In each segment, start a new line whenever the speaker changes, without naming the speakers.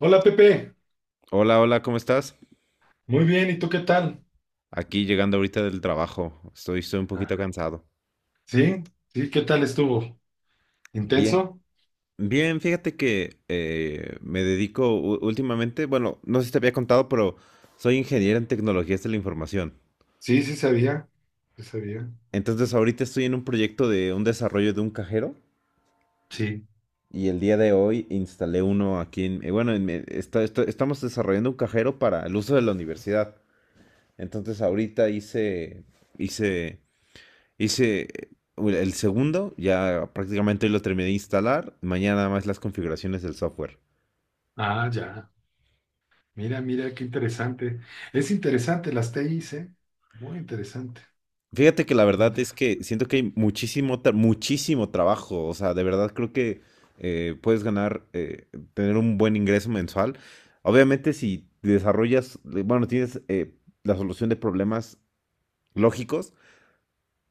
Hola Pepe,
Hola, hola, ¿cómo estás?
muy bien, ¿y tú qué tal?
Aquí llegando ahorita del trabajo. Estoy un poquito
Ah,
cansado.
¿sí? ¿Sí? ¿Qué tal estuvo?
Bien.
¿Intenso?
Bien, fíjate que me dedico últimamente, bueno, no sé si te había contado, pero soy ingeniero en tecnologías de la información.
Sí, sí sabía, sí sabía.
Entonces ahorita estoy en un proyecto de un desarrollo de un cajero
Sí.
y el día de hoy instalé uno aquí en, bueno, en estamos desarrollando un cajero para el uso de la universidad. Entonces ahorita hice, hice Hice el segundo, ya prácticamente hoy lo terminé de instalar. Mañana nada más las configuraciones del software.
Ah, ya. Mira, mira, qué interesante. Es interesante las TIs, ¿eh? Muy interesante.
Fíjate que la verdad es que siento que hay muchísimo trabajo. O sea, de verdad creo que puedes ganar, tener un buen ingreso mensual. Obviamente si desarrollas, tienes la solución de problemas lógicos.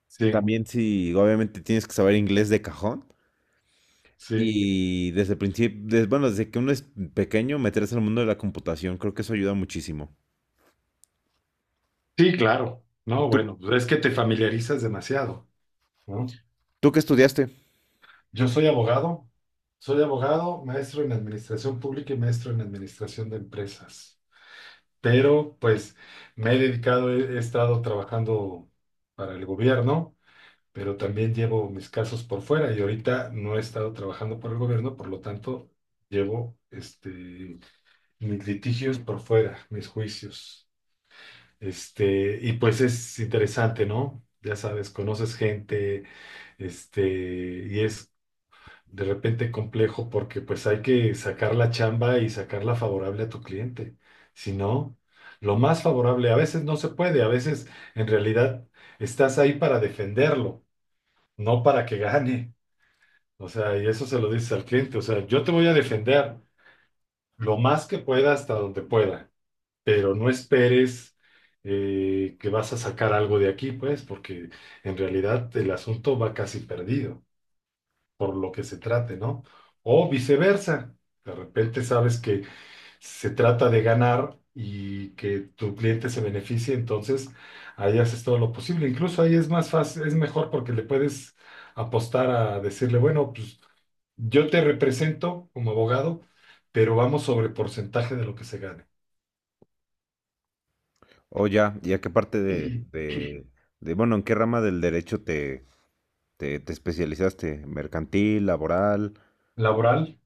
Sí,
También si obviamente tienes que saber inglés de cajón.
sí.
Y desde el principio, bueno, desde que uno es pequeño, meterse en el mundo de la computación, creo que eso ayuda muchísimo.
Sí, claro. No,
¿Tú,
bueno, pues es que te familiarizas demasiado, ¿no?
tú qué estudiaste?
Yo soy abogado, maestro en administración pública y maestro en administración de empresas. Pero pues me he dedicado, he estado trabajando para el gobierno, pero también llevo mis casos por fuera y ahorita no he estado trabajando por el gobierno, por lo tanto, llevo este, mis litigios por fuera, mis juicios. Este, y pues es interesante, ¿no? Ya sabes, conoces gente, este, y es de repente complejo porque pues hay que sacar la chamba y sacarla favorable a tu cliente. Si no, lo más favorable, a veces no se puede, a veces en realidad estás ahí para defenderlo, no para que gane. O sea, y eso se lo dices al cliente, o sea, yo te voy a defender lo más que pueda hasta donde pueda, pero no esperes que vas a sacar algo de aquí, pues, porque en realidad el asunto va casi perdido por lo que se trate, ¿no? O viceversa, de repente sabes que se trata de ganar y que tu cliente se beneficie, entonces ahí haces todo lo posible. Incluso ahí es más fácil, es mejor porque le puedes apostar a decirle, bueno, pues yo te represento como abogado, pero vamos sobre porcentaje de lo que se gane.
O ya, ¿y a qué parte de, bueno, en qué rama del derecho te especializaste? ¿Mercantil, laboral?
¿Laboral?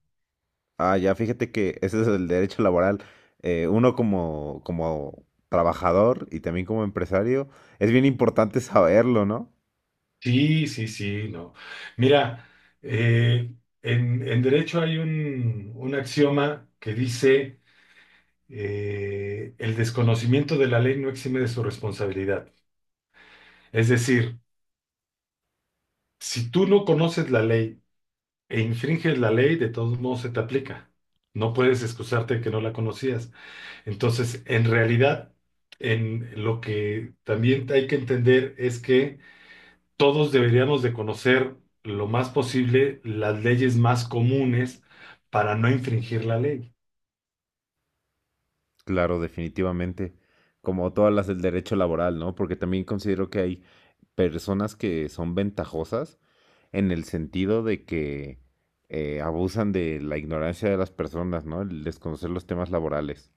Ah, ya, fíjate que ese es el derecho laboral. Uno como, como trabajador y también como empresario, es bien importante saberlo, ¿no?
Sí, sí, sí, no. Mira, eh, en derecho hay un axioma que dice el desconocimiento de la ley no exime de su responsabilidad. Es decir, si tú no conoces la ley e infringes la ley, de todos modos se te aplica. No puedes excusarte de que no la conocías. Entonces, en realidad, en lo que también hay que entender es que todos deberíamos de conocer lo más posible las leyes más comunes para no infringir la ley.
Claro, definitivamente. Como todas las del derecho laboral, ¿no? Porque también considero que hay personas que son ventajosas en el sentido de que abusan de la ignorancia de las personas, ¿no? El desconocer los temas laborales.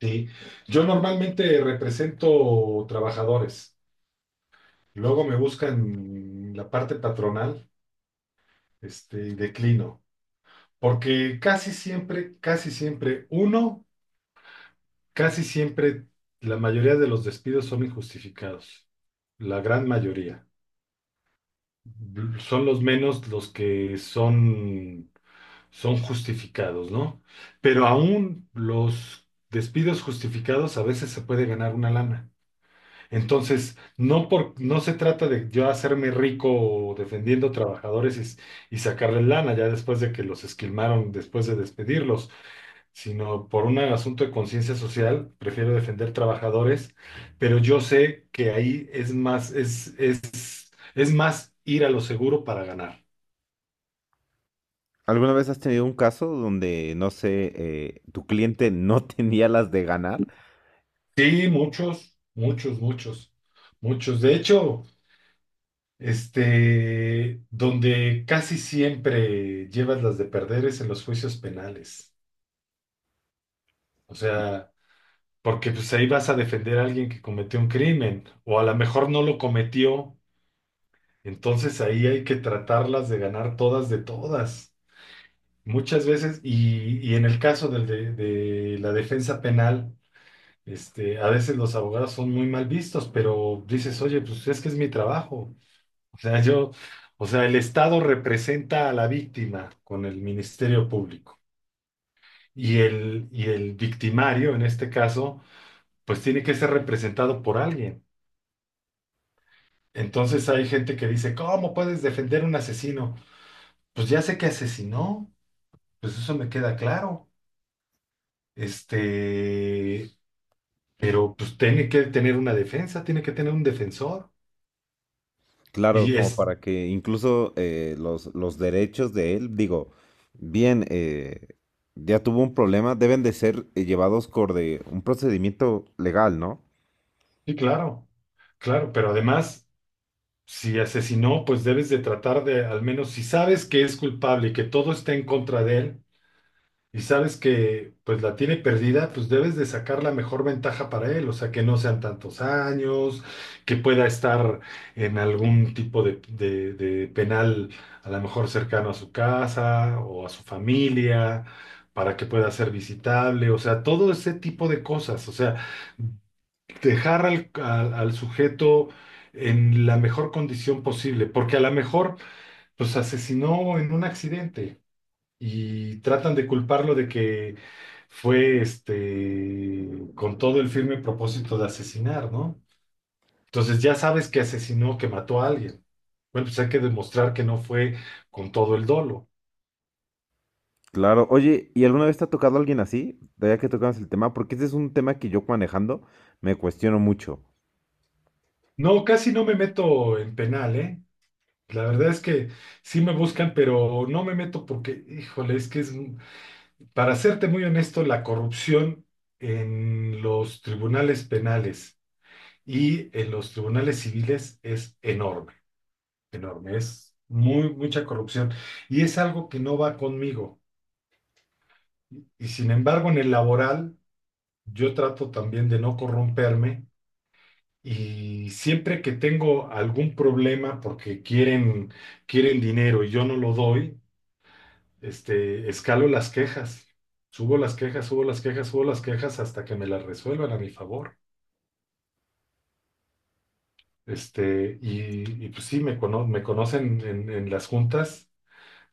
¿Sí? Yo normalmente represento trabajadores. Luego me buscan la parte patronal, este, y declino, porque casi siempre, uno, casi siempre, la mayoría de los despidos son injustificados, la gran mayoría. Son los menos los que son, son justificados, ¿no? Pero aún los despidos justificados a veces se puede ganar una lana. Entonces, no, por, no se trata de yo hacerme rico defendiendo trabajadores y sacarles lana ya después de que los esquilmaron, después de despedirlos, sino por un asunto de conciencia social, prefiero defender trabajadores, pero yo sé que ahí es más, es más ir a lo seguro para ganar.
¿Alguna vez has tenido un caso donde, no sé, tu cliente no tenía las de ganar?
Sí, muchos, muchos, muchos, muchos. De hecho, este, donde casi siempre llevas las de perder es en los juicios penales. O sea, porque pues ahí vas a defender a alguien que cometió un crimen, o a lo mejor no lo cometió, entonces ahí hay que tratarlas de ganar todas de todas. Muchas veces, y en el caso del de la defensa penal, este, a veces los abogados son muy mal vistos, pero dices, oye, pues es que es mi trabajo. O sea, yo, o sea, el Estado representa a la víctima con el Ministerio Público. Y el victimario, en este caso, pues tiene que ser representado por alguien. Entonces hay gente que dice, ¿cómo puedes defender un asesino? Pues ya sé que asesinó, pues eso me queda claro. Este, pero pues tiene que tener una defensa, tiene que tener un defensor.
Claro,
Y
como
es,
para que incluso los derechos de él, digo, bien, ya tuvo un problema, deben de ser llevados por de un procedimiento legal, ¿no?
sí, claro, claro, pero además, si asesinó, pues debes de tratar de, al menos si sabes que es culpable y que todo está en contra de él, y sabes que pues la tiene perdida, pues debes de sacar la mejor ventaja para él, o sea, que no sean tantos años, que pueda estar en algún tipo de, de penal, a lo mejor cercano a su casa o a su familia, para que pueda ser visitable, o sea, todo ese tipo de cosas, o sea, dejar al, al sujeto en la mejor condición posible, porque a lo mejor pues asesinó en un accidente y tratan de culparlo de que fue este con todo el firme propósito de asesinar, ¿no? Entonces ya sabes que asesinó, que mató a alguien. Bueno, pues hay que demostrar que no fue con todo el dolo.
Claro, oye, ¿y alguna vez te ha tocado alguien así? Ya que tocamos el tema, porque este es un tema que yo manejando me cuestiono mucho.
No, casi no me meto en penal, ¿eh? La verdad es que sí me buscan, pero no me meto porque, híjole, es que es, para serte muy honesto, la corrupción en los tribunales penales y en los tribunales civiles es enorme. Enorme, es muy, mucha corrupción y es algo que no va conmigo. Y, sin embargo, en el laboral, yo trato también de no corromperme y siempre que tengo algún problema porque quieren, quieren dinero y yo no lo doy, este, escalo las quejas, subo las quejas, subo las quejas, subo las quejas hasta que me las resuelvan a mi favor. Este, y pues sí, me conocen en las juntas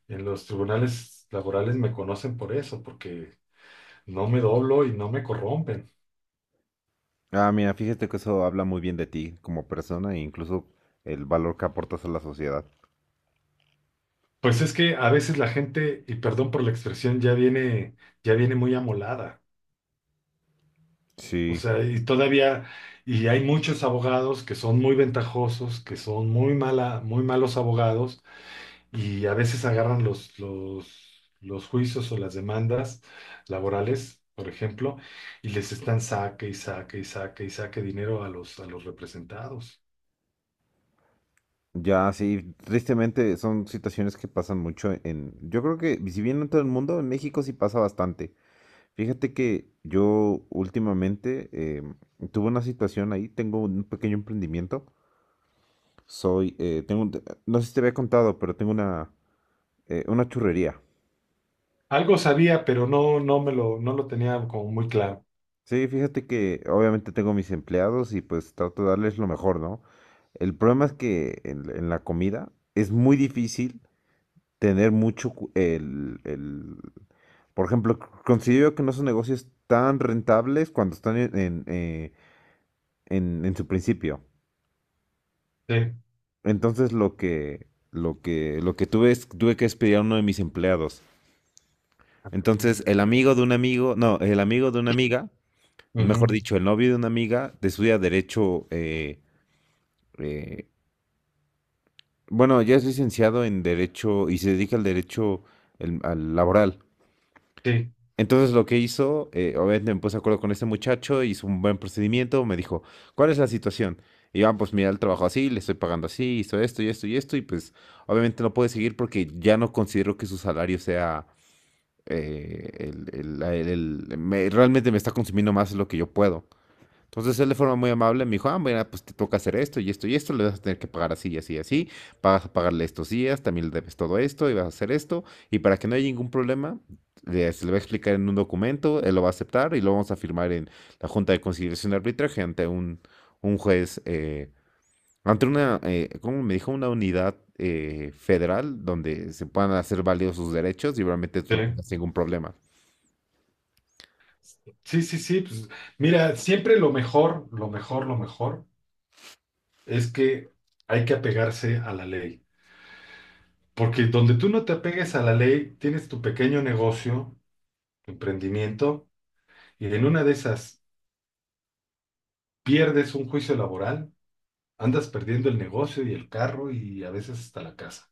en los tribunales laborales me conocen por eso, porque no me doblo y no me corrompen.
Ah, mira, fíjate que eso habla muy bien de ti como persona e incluso el valor que aportas a la sociedad.
Pues es que a veces la gente, y perdón por la expresión, ya viene muy amolada. O
Sí.
sea, y todavía, y hay muchos abogados que son muy ventajosos, que son muy malos abogados, y a veces agarran los, juicios o las demandas laborales, por ejemplo, y les están saque y saque y saque y saque dinero a los representados.
Ya, sí, tristemente son situaciones que pasan mucho en... Yo creo que si bien no en todo el mundo, en México sí pasa bastante. Fíjate que yo últimamente tuve una situación ahí, tengo un pequeño emprendimiento, soy, no sé si te había contado, pero tengo una churrería.
Algo sabía, pero no, no lo tenía como muy claro.
Sí, fíjate que obviamente tengo mis empleados y pues trato de darles lo mejor, ¿no? El problema es que en la comida es muy difícil tener mucho cu- el- Por ejemplo, considero que no son negocios tan rentables cuando están en, en su principio.
Sí.
Entonces lo que tuve es, tuve que despedir a uno de mis empleados. Entonces,
Ya.
el amigo de un amigo, no, el amigo de una amiga, mejor
Ujú.
dicho, el novio de una amiga, estudia derecho, eh, bueno, ya es licenciado en derecho y se dedica al derecho al laboral.
Sí,
Entonces lo que hizo, obviamente me puse de acuerdo con este muchacho, hizo un buen procedimiento, me dijo, ¿cuál es la situación? Y yo, "Ah, pues mira, el trabajo así, le estoy pagando así, hizo esto y esto y esto, y pues obviamente no puede seguir porque ya no considero que su salario sea eh, el- el- la- el- realmente me está consumiendo más de lo que yo puedo. Entonces él de forma muy amable me dijo, ah, mira, pues te toca hacer esto y esto y esto, le vas a tener que pagar así y así y así, vas a pagarle estos días, también le debes todo esto y vas a hacer esto, y para que no haya ningún problema, se le va a explicar en un documento, él lo va a aceptar y lo vamos a firmar en la Junta de Conciliación y Arbitraje ante un juez, ante una, ¿cómo me dijo? Una unidad federal donde se puedan hacer válidos sus derechos y realmente
sí,
tú no tengas ningún problema.
sí, sí, sí, pues mira, siempre lo mejor, lo mejor, lo mejor es que hay que apegarse a la ley, porque donde tú no te apegues a la ley, tienes tu pequeño negocio, tu emprendimiento, y en una de esas pierdes un juicio laboral, andas perdiendo el negocio y el carro y a veces hasta la casa.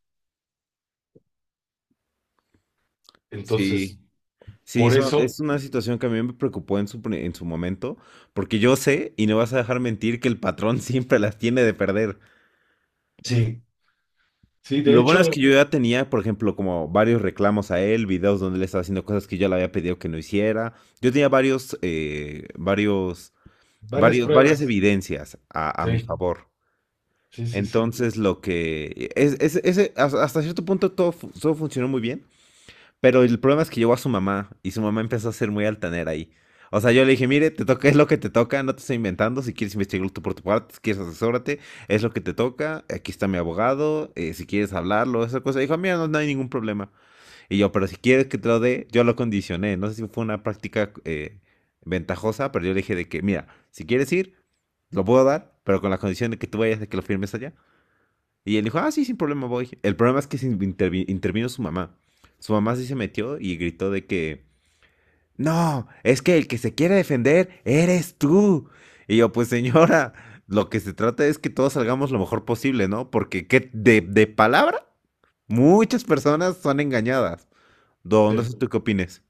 Sí.
Entonces,
Sí,
por eso,
es una situación que a mí me preocupó en en su momento, porque yo sé, y no vas a dejar mentir, que el patrón siempre las tiene de perder.
sí, sí, de
Lo bueno es
hecho,
que yo ya tenía, por ejemplo, como varios reclamos a él, videos donde él estaba haciendo cosas que yo le había pedido que no hiciera. Yo tenía
varias
varias
pruebas,
evidencias a mi
sí,
favor.
sí, sí, sí,
Entonces, lo que... es- ese- hasta hasta cierto punto todo funcionó muy bien. Pero el problema es que llegó a su mamá y su mamá empezó a ser muy altanera ahí. O sea, yo le dije, mire, te toca, es lo que te toca, no te estoy inventando, si quieres investigarlo tú por tu parte, si quieres asesórate, es lo que te toca, aquí está mi abogado, si quieres hablarlo, esa cosa. Dijo, mira, no, no hay ningún problema. Y yo, pero si quieres que te lo dé, yo lo condicioné, no sé si fue una práctica ventajosa, pero yo le dije de que, mira, si quieres ir, lo puedo dar, pero con la condición de que tú vayas, de que lo firmes allá. Y él dijo, ah, sí, sin problema voy. El problema es que se intervino su mamá. Su mamá sí se metió y gritó de que, no, es que el que se quiere defender eres tú. Y yo, pues señora, lo que se trata es que todos salgamos lo mejor posible, ¿no? Porque de palabra, muchas personas son engañadas. Don, no sé
sí.
tú qué opines.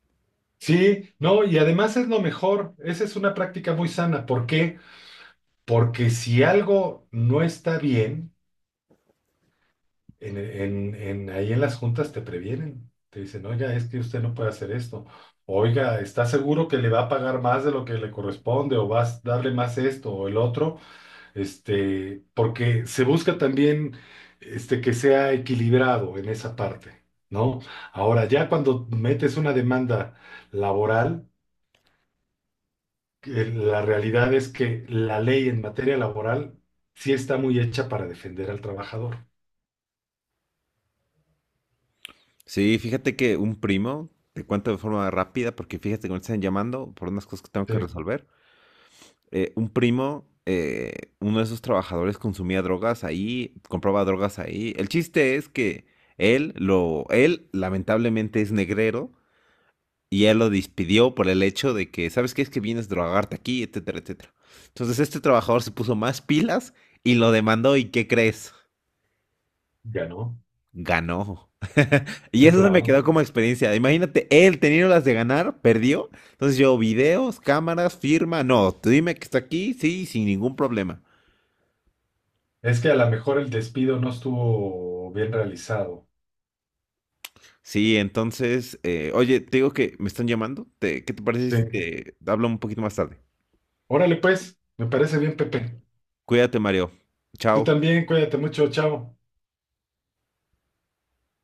Sí, no, y además es lo mejor, esa es una práctica muy sana. ¿Por qué? Porque si algo no está bien, ahí en las juntas te previenen, te dicen, oiga, es que usted no puede hacer esto, oiga, ¿está seguro que le va a pagar más de lo que le corresponde o vas a darle más esto o el otro? Este, porque se busca también este, que sea equilibrado en esa parte, ¿no? Ahora, ya cuando metes una demanda laboral, que la realidad es que la ley en materia laboral sí está muy hecha para defender al trabajador.
Sí, fíjate que un primo, te cuento de forma rápida, porque fíjate que me están llamando por unas cosas que tengo que
Sí,
resolver. Eh, un primo, uno de esos trabajadores consumía drogas ahí, compraba drogas ahí. El chiste es que él lamentablemente es negrero y él lo despidió por el hecho de que, ¿sabes qué? Es que vienes a drogarte aquí, etcétera, etcétera. Entonces este trabajador se puso más pilas y lo demandó y ¿qué crees?
ganó.
Ganó. Y
Sí,
eso se me
claro.
quedó como experiencia. Imagínate, él teniendo las de ganar, perdió. Entonces yo, videos, cámaras, firma, no, tú dime que está aquí, sí, sin ningún problema.
Es que a lo mejor el despido no estuvo bien realizado.
Sí, entonces, oye, te digo que me están llamando. ¿Qué te parece si
Sí.
te hablo un poquito más tarde?
Órale, pues, me parece bien, Pepe.
Cuídate, Mario.
Tú
Chao.
también, cuídate mucho, chao.